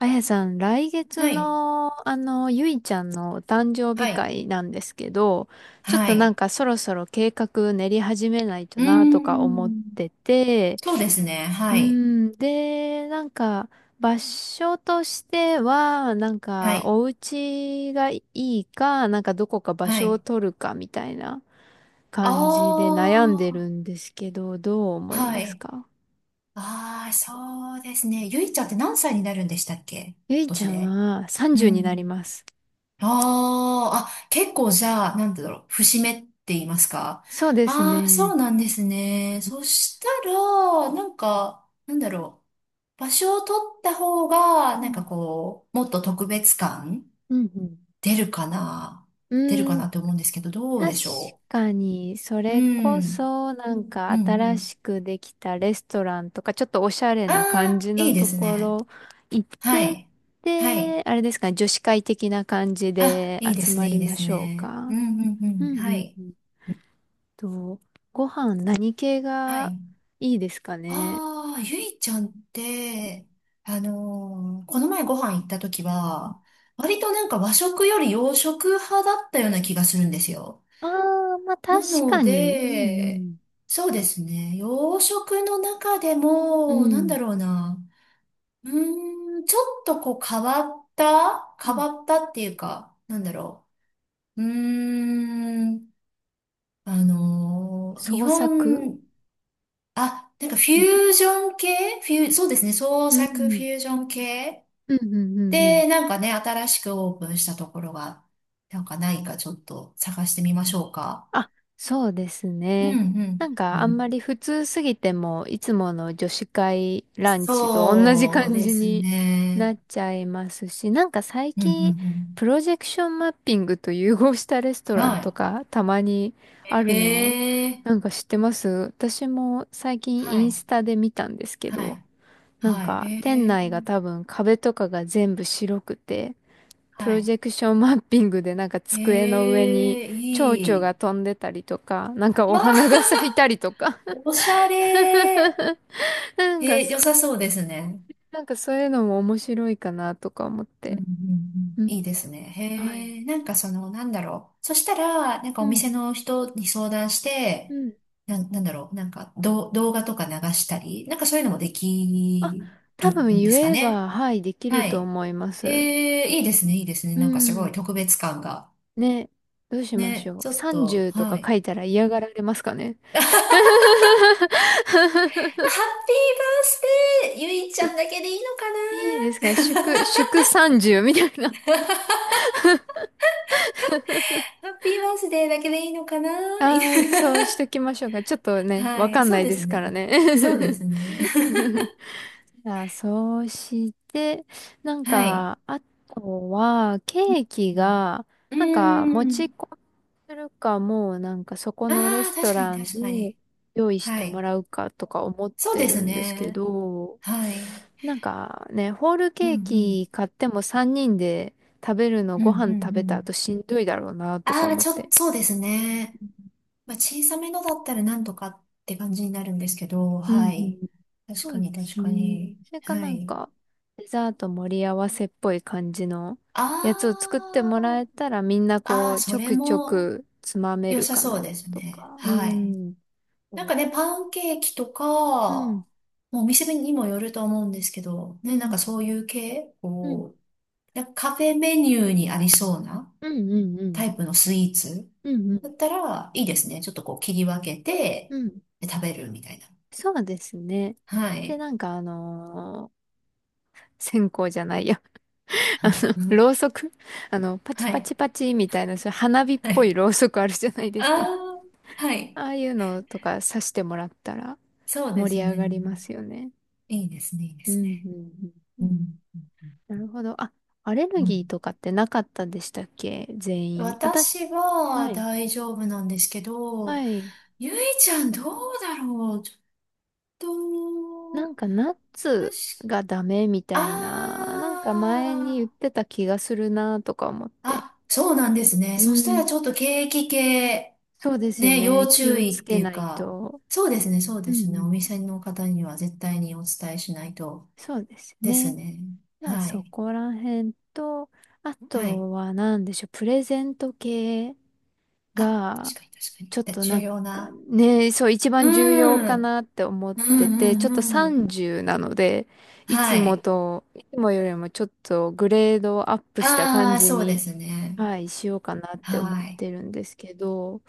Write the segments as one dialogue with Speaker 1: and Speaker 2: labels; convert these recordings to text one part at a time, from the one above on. Speaker 1: あやさん、来月
Speaker 2: はい。
Speaker 1: の、ゆいちゃんのお誕生
Speaker 2: は
Speaker 1: 日
Speaker 2: い。
Speaker 1: 会なんですけど、ちょっ
Speaker 2: は
Speaker 1: となん
Speaker 2: い。
Speaker 1: かそろそろ計画練り始めないと
Speaker 2: うー
Speaker 1: なとか思っ
Speaker 2: ん。
Speaker 1: てて、
Speaker 2: そうですね。
Speaker 1: う
Speaker 2: はい。
Speaker 1: ん、で、なんか場所としては、なん
Speaker 2: は
Speaker 1: か
Speaker 2: い。
Speaker 1: お家がいいか、なんかどこか場
Speaker 2: は
Speaker 1: 所を
Speaker 2: い。
Speaker 1: 取るかみたいな
Speaker 2: あ
Speaker 1: 感じで悩んで
Speaker 2: あ。
Speaker 1: るんですけど、どう思い
Speaker 2: は
Speaker 1: ます
Speaker 2: い。
Speaker 1: か？
Speaker 2: ああ、そうですね。ゆいちゃんって何歳になるんでしたっけ？
Speaker 1: ゆいち
Speaker 2: 年
Speaker 1: ゃん
Speaker 2: で。
Speaker 1: は
Speaker 2: う
Speaker 1: 30になり
Speaker 2: ん。
Speaker 1: ます。
Speaker 2: ああ。あ、結構じゃあ、なんだろう。節目って言いますか。
Speaker 1: そうです
Speaker 2: ああ、そ
Speaker 1: ね。
Speaker 2: うなんですね。そしたら、なんか、なんだろう。場所を取った方が、なんかこう、もっと特別感
Speaker 1: うん
Speaker 2: 出るかな
Speaker 1: う
Speaker 2: 出るか
Speaker 1: ん。うー
Speaker 2: な
Speaker 1: ん、
Speaker 2: って思うんですけど、どう
Speaker 1: 確
Speaker 2: でしょ
Speaker 1: かに、そ
Speaker 2: う？う
Speaker 1: れこ
Speaker 2: ん。
Speaker 1: そ、なんか
Speaker 2: うん、う
Speaker 1: 新
Speaker 2: ん。
Speaker 1: しくできたレストランとか、ちょっとおしゃれ
Speaker 2: あ
Speaker 1: な感
Speaker 2: あ、
Speaker 1: じ
Speaker 2: い
Speaker 1: の
Speaker 2: いで
Speaker 1: と
Speaker 2: す
Speaker 1: こ
Speaker 2: ね。
Speaker 1: ろ行っ
Speaker 2: は
Speaker 1: てっ
Speaker 2: い。はい。
Speaker 1: て、あれですかね、女子会的な感じ
Speaker 2: あ、
Speaker 1: で
Speaker 2: いいで
Speaker 1: 集
Speaker 2: す
Speaker 1: ま
Speaker 2: ね、い
Speaker 1: り
Speaker 2: いで
Speaker 1: ま
Speaker 2: す
Speaker 1: しょう
Speaker 2: ね。う
Speaker 1: か。
Speaker 2: ん、うん、う
Speaker 1: う
Speaker 2: ん。
Speaker 1: んう
Speaker 2: は
Speaker 1: ん
Speaker 2: い。
Speaker 1: うん。と、ご飯何系
Speaker 2: は
Speaker 1: が
Speaker 2: い。
Speaker 1: いいですかね。
Speaker 2: ああ、ゆいちゃんって、この前ご飯行った時は、割となんか和食より洋食派だったような気がするんですよ。
Speaker 1: ああ、まあ確
Speaker 2: なの
Speaker 1: かに。う
Speaker 2: で、
Speaker 1: ん
Speaker 2: そうですね。洋食の中で
Speaker 1: うん。
Speaker 2: も、な
Speaker 1: う
Speaker 2: んだ
Speaker 1: ん。
Speaker 2: ろうな。うーん、ちょっとこう変わった
Speaker 1: う
Speaker 2: 変
Speaker 1: ん、
Speaker 2: わったっていうか、なんだろう。うーん、あのー日
Speaker 1: 創作
Speaker 2: 本、あ、なんかフ
Speaker 1: みたい
Speaker 2: ュージョン系フュー、そうですね、創
Speaker 1: な。うん
Speaker 2: 作フ
Speaker 1: うん。
Speaker 2: ュージョン系
Speaker 1: うんうんうんうん。
Speaker 2: で、なんかね、新しくオープンしたところが、なんかないかちょっと探してみましょうか。
Speaker 1: あ、そうです
Speaker 2: うんう
Speaker 1: ね。な
Speaker 2: ん
Speaker 1: ん
Speaker 2: う
Speaker 1: かあんま
Speaker 2: ん。
Speaker 1: り普通すぎても、いつもの女子会ランチと同じ
Speaker 2: そう
Speaker 1: 感
Speaker 2: で
Speaker 1: じ
Speaker 2: す
Speaker 1: にな
Speaker 2: ね。
Speaker 1: っちゃいますし、なんか最
Speaker 2: うんう
Speaker 1: 近、プ
Speaker 2: ん
Speaker 1: ロジェクションマッピングと融合したレスト
Speaker 2: うん。
Speaker 1: ランと
Speaker 2: は
Speaker 1: かたまにあ
Speaker 2: い。
Speaker 1: るの、
Speaker 2: ええ、
Speaker 1: なんか知ってます？私も最近
Speaker 2: は
Speaker 1: イン
Speaker 2: い。
Speaker 1: スタで見たんですけ
Speaker 2: は
Speaker 1: ど、
Speaker 2: い。
Speaker 1: なん
Speaker 2: はい。
Speaker 1: か店
Speaker 2: え
Speaker 1: 内が
Speaker 2: ー、
Speaker 1: 多分壁とかが全部白くて、プ
Speaker 2: は
Speaker 1: ロ
Speaker 2: い。
Speaker 1: ジェクションマッピングでなんか
Speaker 2: え
Speaker 1: 机の上に
Speaker 2: ー、
Speaker 1: 蝶々が
Speaker 2: い
Speaker 1: 飛んでたりとか、なんか
Speaker 2: い。
Speaker 1: お
Speaker 2: わ
Speaker 1: 花
Speaker 2: あ、
Speaker 1: が咲いたりとか、
Speaker 2: おしゃれ。え
Speaker 1: なんか
Speaker 2: ー、良
Speaker 1: そ、
Speaker 2: さそうですね。
Speaker 1: なんかそういうのも面白いかなとか思っ
Speaker 2: うんう
Speaker 1: て。
Speaker 2: んうん。
Speaker 1: うん、
Speaker 2: いいですね。
Speaker 1: はい。
Speaker 2: へえ、なんかその、なんだろう。そしたら、なんか
Speaker 1: う
Speaker 2: お
Speaker 1: ん、
Speaker 2: 店の人に相談し
Speaker 1: う
Speaker 2: て、
Speaker 1: ん。
Speaker 2: なんだろう。なんか、動画とか流したり、なんかそういうのもで
Speaker 1: あ、
Speaker 2: き
Speaker 1: 多
Speaker 2: る
Speaker 1: 分
Speaker 2: んですか
Speaker 1: 言え
Speaker 2: ね。
Speaker 1: ば、はい、できる
Speaker 2: は
Speaker 1: と
Speaker 2: い。
Speaker 1: 思いま
Speaker 2: へ
Speaker 1: す。
Speaker 2: え、いいですね、いいですね。
Speaker 1: う
Speaker 2: なんかすごい
Speaker 1: ん。
Speaker 2: 特別感が。
Speaker 1: ね。どうしまし
Speaker 2: ね、
Speaker 1: ょ
Speaker 2: ちょ
Speaker 1: う。
Speaker 2: っと、
Speaker 1: 30と
Speaker 2: は
Speaker 1: か書
Speaker 2: い。
Speaker 1: いたら嫌がられますかね？
Speaker 2: まあ、ハッピーバースデーゆいちゃんだけでいいのかな、
Speaker 1: いいですか？祝30みたいな。
Speaker 2: ハッピーバースデーだけでいいのかな。
Speaker 1: ああ、そうしときましょうか。ちょっとね、
Speaker 2: は
Speaker 1: わか
Speaker 2: い、
Speaker 1: ん
Speaker 2: そ
Speaker 1: な
Speaker 2: う
Speaker 1: い
Speaker 2: で
Speaker 1: で
Speaker 2: す
Speaker 1: すか
Speaker 2: ね。
Speaker 1: ら
Speaker 2: そうで
Speaker 1: ね。
Speaker 2: すね。
Speaker 1: あ、そうして、な ん
Speaker 2: はい。
Speaker 1: か、あとは、
Speaker 2: う
Speaker 1: ケーキ
Speaker 2: ん。
Speaker 1: が、
Speaker 2: う
Speaker 1: なんか、持
Speaker 2: ー
Speaker 1: ち
Speaker 2: ん。
Speaker 1: 込みするか、もう、なんか、そこのレ
Speaker 2: ああ、
Speaker 1: スト
Speaker 2: 確かに
Speaker 1: ラン
Speaker 2: 確か
Speaker 1: で
Speaker 2: に。
Speaker 1: 用意し
Speaker 2: は
Speaker 1: ても
Speaker 2: い。
Speaker 1: らうかとか思っ
Speaker 2: そう
Speaker 1: て
Speaker 2: で
Speaker 1: る
Speaker 2: す
Speaker 1: んですけ
Speaker 2: ね。
Speaker 1: ど、
Speaker 2: はい。
Speaker 1: なんかね、ホール
Speaker 2: うん
Speaker 1: ケー
Speaker 2: う
Speaker 1: キ
Speaker 2: ん。
Speaker 1: 買っても3人で食べるの、
Speaker 2: う
Speaker 1: ご
Speaker 2: んうん
Speaker 1: 飯食
Speaker 2: う
Speaker 1: べた
Speaker 2: ん。
Speaker 1: 後しんどいだろうな、とか
Speaker 2: ああ、
Speaker 1: 思って。
Speaker 2: そうですね。まあ、小さめのだったらなんとかって感じになるんですけど、
Speaker 1: うん
Speaker 2: はい。
Speaker 1: うん。
Speaker 2: 確
Speaker 1: そ
Speaker 2: か
Speaker 1: うで
Speaker 2: に
Speaker 1: す
Speaker 2: 確か
Speaker 1: ね。
Speaker 2: に。
Speaker 1: それか
Speaker 2: は
Speaker 1: なん
Speaker 2: い。
Speaker 1: か、デザート盛り合わせっぽい感じの
Speaker 2: あ
Speaker 1: やつを作ってもら
Speaker 2: あ、
Speaker 1: えたらみんな
Speaker 2: あ
Speaker 1: こ
Speaker 2: あ、
Speaker 1: う、ち
Speaker 2: そ
Speaker 1: ょ
Speaker 2: れ
Speaker 1: くちょ
Speaker 2: も
Speaker 1: くつまめ
Speaker 2: 良
Speaker 1: る
Speaker 2: さ
Speaker 1: か
Speaker 2: そう
Speaker 1: な
Speaker 2: です
Speaker 1: と
Speaker 2: ね。
Speaker 1: か、う
Speaker 2: はい。
Speaker 1: ん、
Speaker 2: なん
Speaker 1: 思
Speaker 2: か
Speaker 1: っ
Speaker 2: ね、
Speaker 1: て。
Speaker 2: パンケーキと
Speaker 1: うん、
Speaker 2: か、もうお店にもよると思うんですけど、
Speaker 1: う
Speaker 2: ね、なんか
Speaker 1: ん、
Speaker 2: そういう系、
Speaker 1: うん、
Speaker 2: こう、なんかカフェメニューにありそうな
Speaker 1: うん、うん、うん、
Speaker 2: タイプのスイーツ
Speaker 1: うん、う
Speaker 2: だ
Speaker 1: ん、
Speaker 2: ったらいいですね。ちょっとこう切り分けて
Speaker 1: うん。
Speaker 2: 食べるみたいな。
Speaker 1: そうですね。
Speaker 2: は
Speaker 1: で、
Speaker 2: い。
Speaker 1: なんか線香じゃないや。あろうそく、あの、パチ
Speaker 2: は
Speaker 1: パ
Speaker 2: い。
Speaker 1: チパチみたいな、そういう花火っ
Speaker 2: は
Speaker 1: ぽい
Speaker 2: い。
Speaker 1: ろうそくあるじゃないですか。
Speaker 2: ああ、はい。
Speaker 1: ああいうのとかさしてもらったら
Speaker 2: そうで
Speaker 1: 盛
Speaker 2: す
Speaker 1: り上
Speaker 2: ね。
Speaker 1: がりますよね。
Speaker 2: いいですね、いいで
Speaker 1: うん
Speaker 2: すね。
Speaker 1: うんう
Speaker 2: う
Speaker 1: ん。
Speaker 2: ん。
Speaker 1: なるほど。あ、アレル
Speaker 2: う
Speaker 1: ギー
Speaker 2: ん、
Speaker 1: とかってなかったでしたっけ全員？私、
Speaker 2: 私は
Speaker 1: はい。
Speaker 2: 大丈夫なんですけど、
Speaker 1: はい。
Speaker 2: ゆいちゃんどうだろう、ちょっと、
Speaker 1: なんかナッ
Speaker 2: も
Speaker 1: ツ
Speaker 2: し、
Speaker 1: がダメみたいな、なんか前に言っ
Speaker 2: あ
Speaker 1: てた気がするなとか思っ
Speaker 2: ー、
Speaker 1: て。
Speaker 2: あ、そうなんですね。
Speaker 1: う
Speaker 2: そしたら
Speaker 1: ん。
Speaker 2: ちょっと景気系、
Speaker 1: そうですよ
Speaker 2: ね、要
Speaker 1: ね。気
Speaker 2: 注
Speaker 1: をつ
Speaker 2: 意って
Speaker 1: け
Speaker 2: いう
Speaker 1: ない
Speaker 2: か、
Speaker 1: と。
Speaker 2: そうですね、そう
Speaker 1: う
Speaker 2: で
Speaker 1: んう
Speaker 2: すね。お
Speaker 1: ん。
Speaker 2: 店の方には絶対にお伝えしないと
Speaker 1: そうです
Speaker 2: です
Speaker 1: ね。
Speaker 2: ね。
Speaker 1: じゃあ
Speaker 2: は
Speaker 1: そ
Speaker 2: い。
Speaker 1: こら辺と、あ
Speaker 2: はい。
Speaker 1: とは何でしょう。プレゼント系。
Speaker 2: あ、
Speaker 1: が、
Speaker 2: 確かに確かに。
Speaker 1: ちょっ
Speaker 2: で、
Speaker 1: と
Speaker 2: 重
Speaker 1: なん
Speaker 2: 要
Speaker 1: か
Speaker 2: な。
Speaker 1: ね、そう一
Speaker 2: う
Speaker 1: 番重要
Speaker 2: ん。う
Speaker 1: か
Speaker 2: ん
Speaker 1: なって思っ
Speaker 2: う
Speaker 1: てて、ちょっと
Speaker 2: んうん。
Speaker 1: 30なので、い
Speaker 2: は
Speaker 1: つも
Speaker 2: い。
Speaker 1: と、いつもよりもちょっとグレードをアップした
Speaker 2: あ
Speaker 1: 感
Speaker 2: あ、
Speaker 1: じ
Speaker 2: そうで
Speaker 1: に、
Speaker 2: すね。
Speaker 1: はい、しようかなって
Speaker 2: は
Speaker 1: 思っ
Speaker 2: い。
Speaker 1: てるんですけど、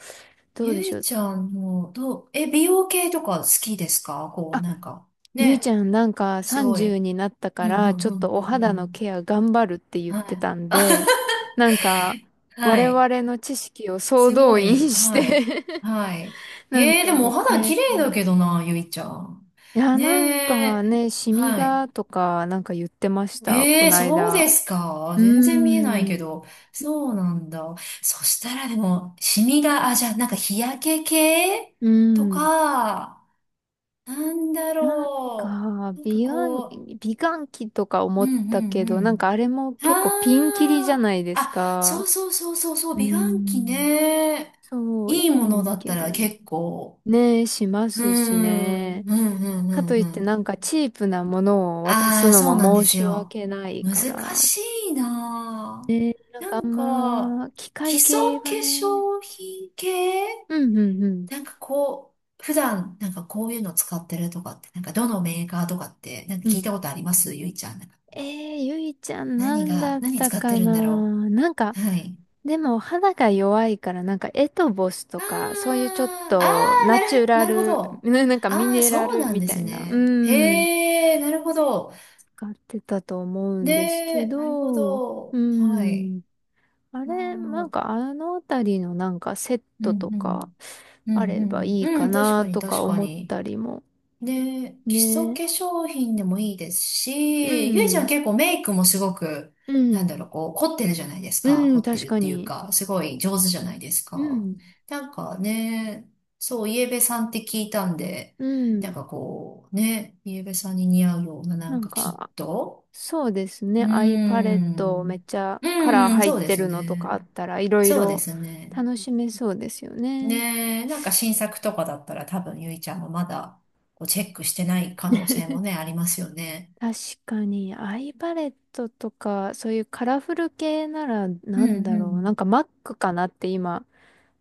Speaker 1: どうで
Speaker 2: ゆ
Speaker 1: しょ
Speaker 2: い
Speaker 1: う。
Speaker 2: ちゃんも、え、美容系とか好きですか？こう、
Speaker 1: あ、
Speaker 2: なんか。
Speaker 1: ゆいち
Speaker 2: ね、
Speaker 1: ゃんなんか
Speaker 2: すご
Speaker 1: 30
Speaker 2: い。
Speaker 1: になった
Speaker 2: う
Speaker 1: か
Speaker 2: ん、う
Speaker 1: ら、ち
Speaker 2: ん、
Speaker 1: ょっ
Speaker 2: うん、
Speaker 1: と
Speaker 2: う
Speaker 1: お
Speaker 2: ん、
Speaker 1: 肌
Speaker 2: う
Speaker 1: の
Speaker 2: ん。
Speaker 1: ケア頑張るって言ってた
Speaker 2: は
Speaker 1: んで、なんか、
Speaker 2: い。は
Speaker 1: 我
Speaker 2: い。
Speaker 1: 々の知識を総
Speaker 2: す
Speaker 1: 動
Speaker 2: ご
Speaker 1: 員
Speaker 2: い。
Speaker 1: し
Speaker 2: はい。
Speaker 1: て
Speaker 2: はい。
Speaker 1: なん
Speaker 2: えー、
Speaker 1: か
Speaker 2: でもお肌
Speaker 1: 変え
Speaker 2: 綺
Speaker 1: たら、
Speaker 2: 麗だけどな、ゆいちゃん。
Speaker 1: いや、なん
Speaker 2: ね
Speaker 1: か
Speaker 2: え。
Speaker 1: ね、シミ
Speaker 2: はい。
Speaker 1: がとかなんか言ってました、
Speaker 2: え
Speaker 1: こ
Speaker 2: えー、
Speaker 1: ない
Speaker 2: そうで
Speaker 1: だ。
Speaker 2: すか。
Speaker 1: うー
Speaker 2: 全然見えないけ
Speaker 1: ん、
Speaker 2: ど。そうなんだ。そしたらでも、シミが、あ、じゃあ、なんか日焼け系
Speaker 1: う
Speaker 2: と
Speaker 1: ん。
Speaker 2: か、なんだ
Speaker 1: なん
Speaker 2: ろ
Speaker 1: か、
Speaker 2: う。なんかこ
Speaker 1: 美顔器とか思
Speaker 2: う、う
Speaker 1: っ
Speaker 2: ん
Speaker 1: た
Speaker 2: う
Speaker 1: けど、
Speaker 2: んう
Speaker 1: なんかあ
Speaker 2: ん。
Speaker 1: れも結構ピンキリじゃ
Speaker 2: あ
Speaker 1: ないで
Speaker 2: あ、
Speaker 1: す
Speaker 2: あ、そ
Speaker 1: か。
Speaker 2: うそうそうそうそう、
Speaker 1: うー
Speaker 2: 美顔器
Speaker 1: ん。
Speaker 2: ね。
Speaker 1: そう、
Speaker 2: いい
Speaker 1: い
Speaker 2: ものだ
Speaker 1: い
Speaker 2: った
Speaker 1: けど
Speaker 2: ら
Speaker 1: ね。
Speaker 2: 結構。
Speaker 1: ねえ、しま
Speaker 2: うー
Speaker 1: すし
Speaker 2: ん、うん
Speaker 1: ね。
Speaker 2: うんう
Speaker 1: か
Speaker 2: ん
Speaker 1: とい
Speaker 2: う
Speaker 1: って
Speaker 2: ん。
Speaker 1: なんかチープなものを渡す
Speaker 2: ああ、
Speaker 1: の
Speaker 2: そうなんで
Speaker 1: も申
Speaker 2: す
Speaker 1: し
Speaker 2: よ。
Speaker 1: 訳ない
Speaker 2: 難
Speaker 1: から。
Speaker 2: しいなあ。
Speaker 1: ねえ、なん
Speaker 2: な
Speaker 1: かあ
Speaker 2: ん
Speaker 1: ん
Speaker 2: か、
Speaker 1: ま、機
Speaker 2: 基
Speaker 1: 械
Speaker 2: 礎
Speaker 1: 系は
Speaker 2: 化
Speaker 1: ね。
Speaker 2: 粧品系、
Speaker 1: うんうんうん。
Speaker 2: なんかこう、普段なんかこういうの使ってるとかって、なんかどのメーカーとかって、なんか
Speaker 1: う
Speaker 2: 聞い
Speaker 1: ん。
Speaker 2: たことありますゆいちゃん？
Speaker 1: ゆいちゃんなんだっ
Speaker 2: 何
Speaker 1: た
Speaker 2: 使って
Speaker 1: か
Speaker 2: るんだろ
Speaker 1: ななんか、
Speaker 2: う。はい。
Speaker 1: でも肌が弱いからなんかエトボスと
Speaker 2: あ
Speaker 1: か、そういうちょっ
Speaker 2: あ、あ
Speaker 1: と
Speaker 2: あ、な
Speaker 1: ナ
Speaker 2: る、
Speaker 1: チュラ
Speaker 2: なるほ
Speaker 1: ル、
Speaker 2: ど。
Speaker 1: なんかミ
Speaker 2: ああ、
Speaker 1: ネラ
Speaker 2: そう
Speaker 1: ル
Speaker 2: なん
Speaker 1: み
Speaker 2: で
Speaker 1: た
Speaker 2: す
Speaker 1: いな、う
Speaker 2: ね。
Speaker 1: ん、
Speaker 2: へえ、なるほど。
Speaker 1: 使ってたと思うんですけ
Speaker 2: で、なるほ
Speaker 1: ど、う
Speaker 2: ど。はい。
Speaker 1: ん。あ
Speaker 2: う
Speaker 1: れ、
Speaker 2: ん、う
Speaker 1: なん
Speaker 2: ん、
Speaker 1: かあのあたりのなんかセッ
Speaker 2: う
Speaker 1: トとか
Speaker 2: ん、う
Speaker 1: あ
Speaker 2: ん、う
Speaker 1: れば
Speaker 2: ん、
Speaker 1: いい
Speaker 2: う
Speaker 1: か
Speaker 2: ん、確か
Speaker 1: な
Speaker 2: に、
Speaker 1: と
Speaker 2: 確
Speaker 1: か
Speaker 2: か
Speaker 1: 思っ
Speaker 2: に。
Speaker 1: たりも。
Speaker 2: ね、基礎化
Speaker 1: ね。
Speaker 2: 粧品でもいいです
Speaker 1: う
Speaker 2: し、ゆいちゃん
Speaker 1: ん。
Speaker 2: 結構メイクもすごく、
Speaker 1: う
Speaker 2: なん
Speaker 1: ん。
Speaker 2: だろう、こう、凝ってるじゃないですか。
Speaker 1: う
Speaker 2: 凝
Speaker 1: ん、
Speaker 2: って
Speaker 1: 確
Speaker 2: るっ
Speaker 1: か
Speaker 2: ていう
Speaker 1: に。
Speaker 2: か、すごい上手じゃないです
Speaker 1: う
Speaker 2: か。
Speaker 1: ん。
Speaker 2: なんかね、そう、イエベさんって聞いたんで、
Speaker 1: う
Speaker 2: なん
Speaker 1: ん。
Speaker 2: かこう、ね、イエベさんに似合うようなな
Speaker 1: な
Speaker 2: ん
Speaker 1: ん
Speaker 2: かキッ
Speaker 1: か、
Speaker 2: ト。
Speaker 1: そうです
Speaker 2: う
Speaker 1: ね。
Speaker 2: ー
Speaker 1: アイパレットめっ
Speaker 2: ん。
Speaker 1: ちゃ
Speaker 2: う
Speaker 1: カラー
Speaker 2: ーん、
Speaker 1: 入
Speaker 2: そ
Speaker 1: っ
Speaker 2: うで
Speaker 1: て
Speaker 2: す
Speaker 1: るのと
Speaker 2: ね。
Speaker 1: かあったらいろい
Speaker 2: そうで
Speaker 1: ろ
Speaker 2: すね。
Speaker 1: 楽しめそうですよね。
Speaker 2: ねえ、なんか新作とかだったら多分ゆいちゃんもまだこうチェックしてない可能性もね、ありますよね。
Speaker 1: 確かに、アイパレットとか、そういうカラフル系なら
Speaker 2: う
Speaker 1: なん
Speaker 2: んう
Speaker 1: だろう。なん
Speaker 2: ん。
Speaker 1: か Mac かなって今、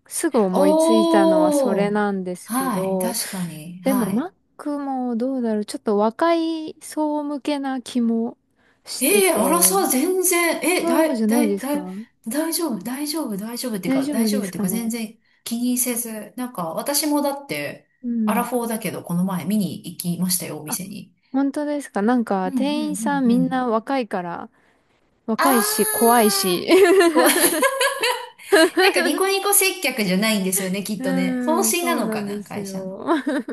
Speaker 1: すぐ思いついたのはそれ
Speaker 2: おー、
Speaker 1: なんですけ
Speaker 2: はい、
Speaker 1: ど、
Speaker 2: 確かに、
Speaker 1: でも
Speaker 2: はい。
Speaker 1: Mac もどうだろう。ちょっと若い層向けな気もして
Speaker 2: ええー、あらさ、
Speaker 1: て、
Speaker 2: 全然、え、だ
Speaker 1: そうじ
Speaker 2: い、
Speaker 1: ゃな
Speaker 2: だ
Speaker 1: いで
Speaker 2: い、
Speaker 1: す
Speaker 2: だ
Speaker 1: か？
Speaker 2: い、大丈夫、大丈夫、大丈夫っていう
Speaker 1: 大
Speaker 2: か、
Speaker 1: 丈
Speaker 2: 大
Speaker 1: 夫
Speaker 2: 丈
Speaker 1: で
Speaker 2: 夫っ
Speaker 1: す
Speaker 2: ていう
Speaker 1: か
Speaker 2: か、全
Speaker 1: ね？
Speaker 2: 然気にせず、なんか私もだって、
Speaker 1: う
Speaker 2: アラ
Speaker 1: ん。
Speaker 2: フォーだけど、この前見に行きましたよ、お店に。
Speaker 1: 本当ですか？なん
Speaker 2: う
Speaker 1: か、
Speaker 2: んう
Speaker 1: 店員さ
Speaker 2: ん
Speaker 1: ん
Speaker 2: うん
Speaker 1: み
Speaker 2: う
Speaker 1: んな
Speaker 2: ん。
Speaker 1: 若いから、
Speaker 2: あ
Speaker 1: 若いし、怖いし。
Speaker 2: ー、こう。 なんかニコニコ接客じゃないんですよね、きっ
Speaker 1: う
Speaker 2: とね。方
Speaker 1: ーん、
Speaker 2: 針な
Speaker 1: そう
Speaker 2: の
Speaker 1: な
Speaker 2: か
Speaker 1: ん
Speaker 2: な、
Speaker 1: です
Speaker 2: 会社の。
Speaker 1: よ。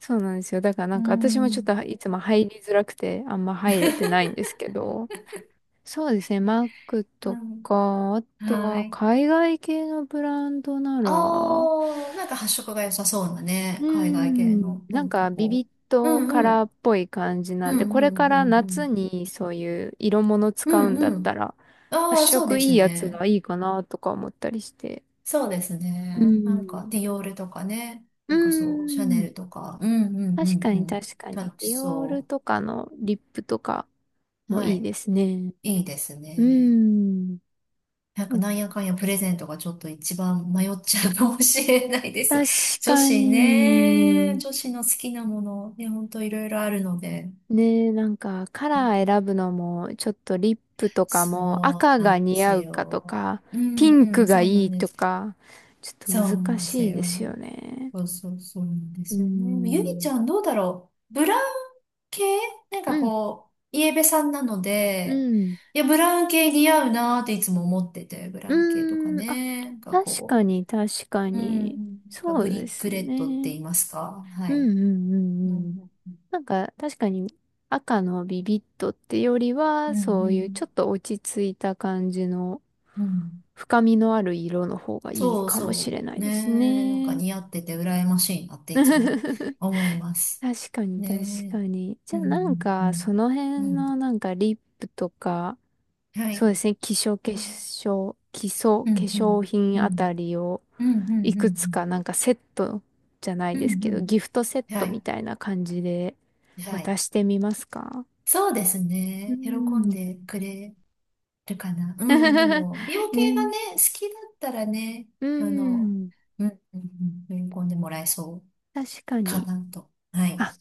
Speaker 1: そうなんですよ。だからな
Speaker 2: う
Speaker 1: んか私もちょっ
Speaker 2: ん。
Speaker 1: といつも入りづらくて、あんま入れてないんですけど。そうですね。マック
Speaker 2: う
Speaker 1: と
Speaker 2: ん。
Speaker 1: か、あと
Speaker 2: は
Speaker 1: は
Speaker 2: い。
Speaker 1: 海外系のブランドな
Speaker 2: あ
Speaker 1: ら、
Speaker 2: あ、なんか発色が良さそうな
Speaker 1: う
Speaker 2: ね、
Speaker 1: ー
Speaker 2: 海外系
Speaker 1: ん、
Speaker 2: の、な
Speaker 1: なん
Speaker 2: んか
Speaker 1: かビビ
Speaker 2: こ
Speaker 1: ッ
Speaker 2: う。う
Speaker 1: ト
Speaker 2: ん
Speaker 1: カ
Speaker 2: う
Speaker 1: ラー
Speaker 2: ん。
Speaker 1: っぽい感じな
Speaker 2: う
Speaker 1: ん
Speaker 2: ん
Speaker 1: で、こ
Speaker 2: う
Speaker 1: れか
Speaker 2: んう
Speaker 1: ら
Speaker 2: んう
Speaker 1: 夏
Speaker 2: ん。
Speaker 1: にそういう色物
Speaker 2: う
Speaker 1: 使う
Speaker 2: ん
Speaker 1: んだっ
Speaker 2: う
Speaker 1: た
Speaker 2: ん。
Speaker 1: ら、
Speaker 2: あ
Speaker 1: 発
Speaker 2: あ、そう
Speaker 1: 色
Speaker 2: で
Speaker 1: い
Speaker 2: す
Speaker 1: いやつ
Speaker 2: ね。
Speaker 1: がいいかなとか思ったりして。
Speaker 2: そうです
Speaker 1: う
Speaker 2: ね。なんか、
Speaker 1: ん。
Speaker 2: ディオールとかね。
Speaker 1: う
Speaker 2: なんかそう、シャネ
Speaker 1: ん。
Speaker 2: ルとか。うんうんう
Speaker 1: 確
Speaker 2: ん
Speaker 1: か
Speaker 2: う
Speaker 1: に
Speaker 2: ん。
Speaker 1: 確かに。
Speaker 2: 楽
Speaker 1: デ
Speaker 2: し
Speaker 1: ィオール
Speaker 2: そ
Speaker 1: とかのリップとか
Speaker 2: う。
Speaker 1: も
Speaker 2: は
Speaker 1: いい
Speaker 2: い。
Speaker 1: ですね。
Speaker 2: いいです
Speaker 1: う
Speaker 2: ね。
Speaker 1: ん。
Speaker 2: なんかなんやかんやプレゼントがちょっと一番迷っちゃうかもしれないです。
Speaker 1: 確
Speaker 2: 女
Speaker 1: か
Speaker 2: 子ね、
Speaker 1: に。
Speaker 2: 女子の好きなもの、ね、ほんといろいろあるので。
Speaker 1: ねえ、なんかカラー選ぶのも、ちょっとリップとかも
Speaker 2: そう
Speaker 1: 赤
Speaker 2: な
Speaker 1: が
Speaker 2: んで
Speaker 1: 似
Speaker 2: す
Speaker 1: 合うかと
Speaker 2: よ。
Speaker 1: か、
Speaker 2: う
Speaker 1: ピ
Speaker 2: ん
Speaker 1: ン
Speaker 2: う
Speaker 1: ク
Speaker 2: ん、
Speaker 1: が
Speaker 2: そうな
Speaker 1: い
Speaker 2: ん
Speaker 1: い
Speaker 2: で
Speaker 1: と
Speaker 2: す。
Speaker 1: か、ちょっと
Speaker 2: そうなん
Speaker 1: 難
Speaker 2: です
Speaker 1: しいで
Speaker 2: よ。
Speaker 1: すよね。
Speaker 2: そうそうそうなんで
Speaker 1: うー
Speaker 2: すよね。ゆりち
Speaker 1: ん。
Speaker 2: ゃんどうだろう、ブラウン系、なんか
Speaker 1: うん。
Speaker 2: こう、イエベさんなの
Speaker 1: う
Speaker 2: で、
Speaker 1: ん。
Speaker 2: いや、ブラウン系似合うなーっていつも思ってて、ブラ
Speaker 1: う
Speaker 2: ウン系とか
Speaker 1: ーん、あ、
Speaker 2: ね。なんか
Speaker 1: 確か
Speaker 2: こ
Speaker 1: に、確か
Speaker 2: う、う
Speaker 1: に。
Speaker 2: ん。
Speaker 1: そ
Speaker 2: ブ
Speaker 1: うで
Speaker 2: リッ
Speaker 1: す
Speaker 2: クレッドって
Speaker 1: ね。
Speaker 2: 言いますか、は
Speaker 1: うん
Speaker 2: い。
Speaker 1: うんう
Speaker 2: う
Speaker 1: んうん。
Speaker 2: ん。
Speaker 1: なんか、確かに、赤のビビットってよりは、
Speaker 2: うん。う
Speaker 1: そういうちょ
Speaker 2: ん。
Speaker 1: っと落ち着いた感じの、
Speaker 2: うん、
Speaker 1: 深みのある色の方がいい
Speaker 2: そう
Speaker 1: かもし
Speaker 2: そ
Speaker 1: れな
Speaker 2: う。
Speaker 1: い
Speaker 2: ね
Speaker 1: です
Speaker 2: え。なんか
Speaker 1: ね。
Speaker 2: 似合ってて羨ましいなっていつも 思います。
Speaker 1: 確かに、確か
Speaker 2: ね
Speaker 1: に。じ
Speaker 2: え。う
Speaker 1: ゃあ、なん
Speaker 2: ん。う
Speaker 1: か、そ
Speaker 2: ん。
Speaker 1: の
Speaker 2: うん。う
Speaker 1: 辺の、
Speaker 2: ん、
Speaker 1: なんか、リップとか、
Speaker 2: は
Speaker 1: そう
Speaker 2: い。
Speaker 1: ですね、化粧、化粧、基礎、化
Speaker 2: うん。う
Speaker 1: 粧
Speaker 2: ん。う
Speaker 1: 品あた
Speaker 2: ん。
Speaker 1: りを、
Speaker 2: うん。う
Speaker 1: い
Speaker 2: ん。う
Speaker 1: くつか
Speaker 2: ん。
Speaker 1: なんかセットじゃない
Speaker 2: う
Speaker 1: です
Speaker 2: ん。
Speaker 1: け
Speaker 2: う
Speaker 1: ど、
Speaker 2: ん、
Speaker 1: ギフトセッ
Speaker 2: は
Speaker 1: トみ
Speaker 2: い。
Speaker 1: たいな感じで
Speaker 2: は
Speaker 1: 渡
Speaker 2: い。
Speaker 1: してみますか？
Speaker 2: そうです
Speaker 1: う
Speaker 2: ね。喜ん
Speaker 1: ん。
Speaker 2: でくれるかな。うん、で も、美容系が
Speaker 1: ね。
Speaker 2: ね、好きだったらね、
Speaker 1: う
Speaker 2: あの、
Speaker 1: ん。
Speaker 2: うん、うん、うん、喜んでもらえそう
Speaker 1: 確か
Speaker 2: か
Speaker 1: に。
Speaker 2: なと。はい。
Speaker 1: あ、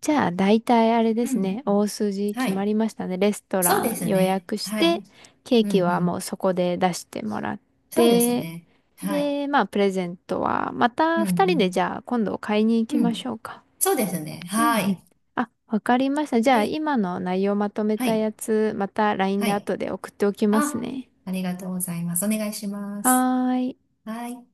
Speaker 1: じゃあ大体あれで
Speaker 2: う
Speaker 1: す
Speaker 2: ん、
Speaker 1: ね。大筋
Speaker 2: は
Speaker 1: 決ま
Speaker 2: い。
Speaker 1: りましたね。レスト
Speaker 2: そ
Speaker 1: ラ
Speaker 2: う
Speaker 1: ン
Speaker 2: です
Speaker 1: 予
Speaker 2: ね。
Speaker 1: 約し
Speaker 2: は
Speaker 1: て、
Speaker 2: い。
Speaker 1: ケー
Speaker 2: う
Speaker 1: キ
Speaker 2: ん、う
Speaker 1: はもう
Speaker 2: ん。
Speaker 1: そこで出してもらっ
Speaker 2: そうです
Speaker 1: て、
Speaker 2: ね。はい。
Speaker 1: で、まあプレゼントはま
Speaker 2: う
Speaker 1: た二人でじ
Speaker 2: ん、
Speaker 1: ゃあ今度買いに行
Speaker 2: う
Speaker 1: き
Speaker 2: ん。う
Speaker 1: ま
Speaker 2: ん。
Speaker 1: しょうか。
Speaker 2: そうですね。
Speaker 1: うん
Speaker 2: は
Speaker 1: うん。
Speaker 2: い。
Speaker 1: あ、わかりました。じ
Speaker 2: は
Speaker 1: ゃあ、
Speaker 2: い。
Speaker 1: 今の内容まとめ
Speaker 2: は
Speaker 1: た
Speaker 2: い。
Speaker 1: やつ、また LINE
Speaker 2: は
Speaker 1: で
Speaker 2: い。
Speaker 1: 後で送っておきます
Speaker 2: あ、
Speaker 1: ね。
Speaker 2: ありがとうございます。お願いします。
Speaker 1: はーい。
Speaker 2: はい。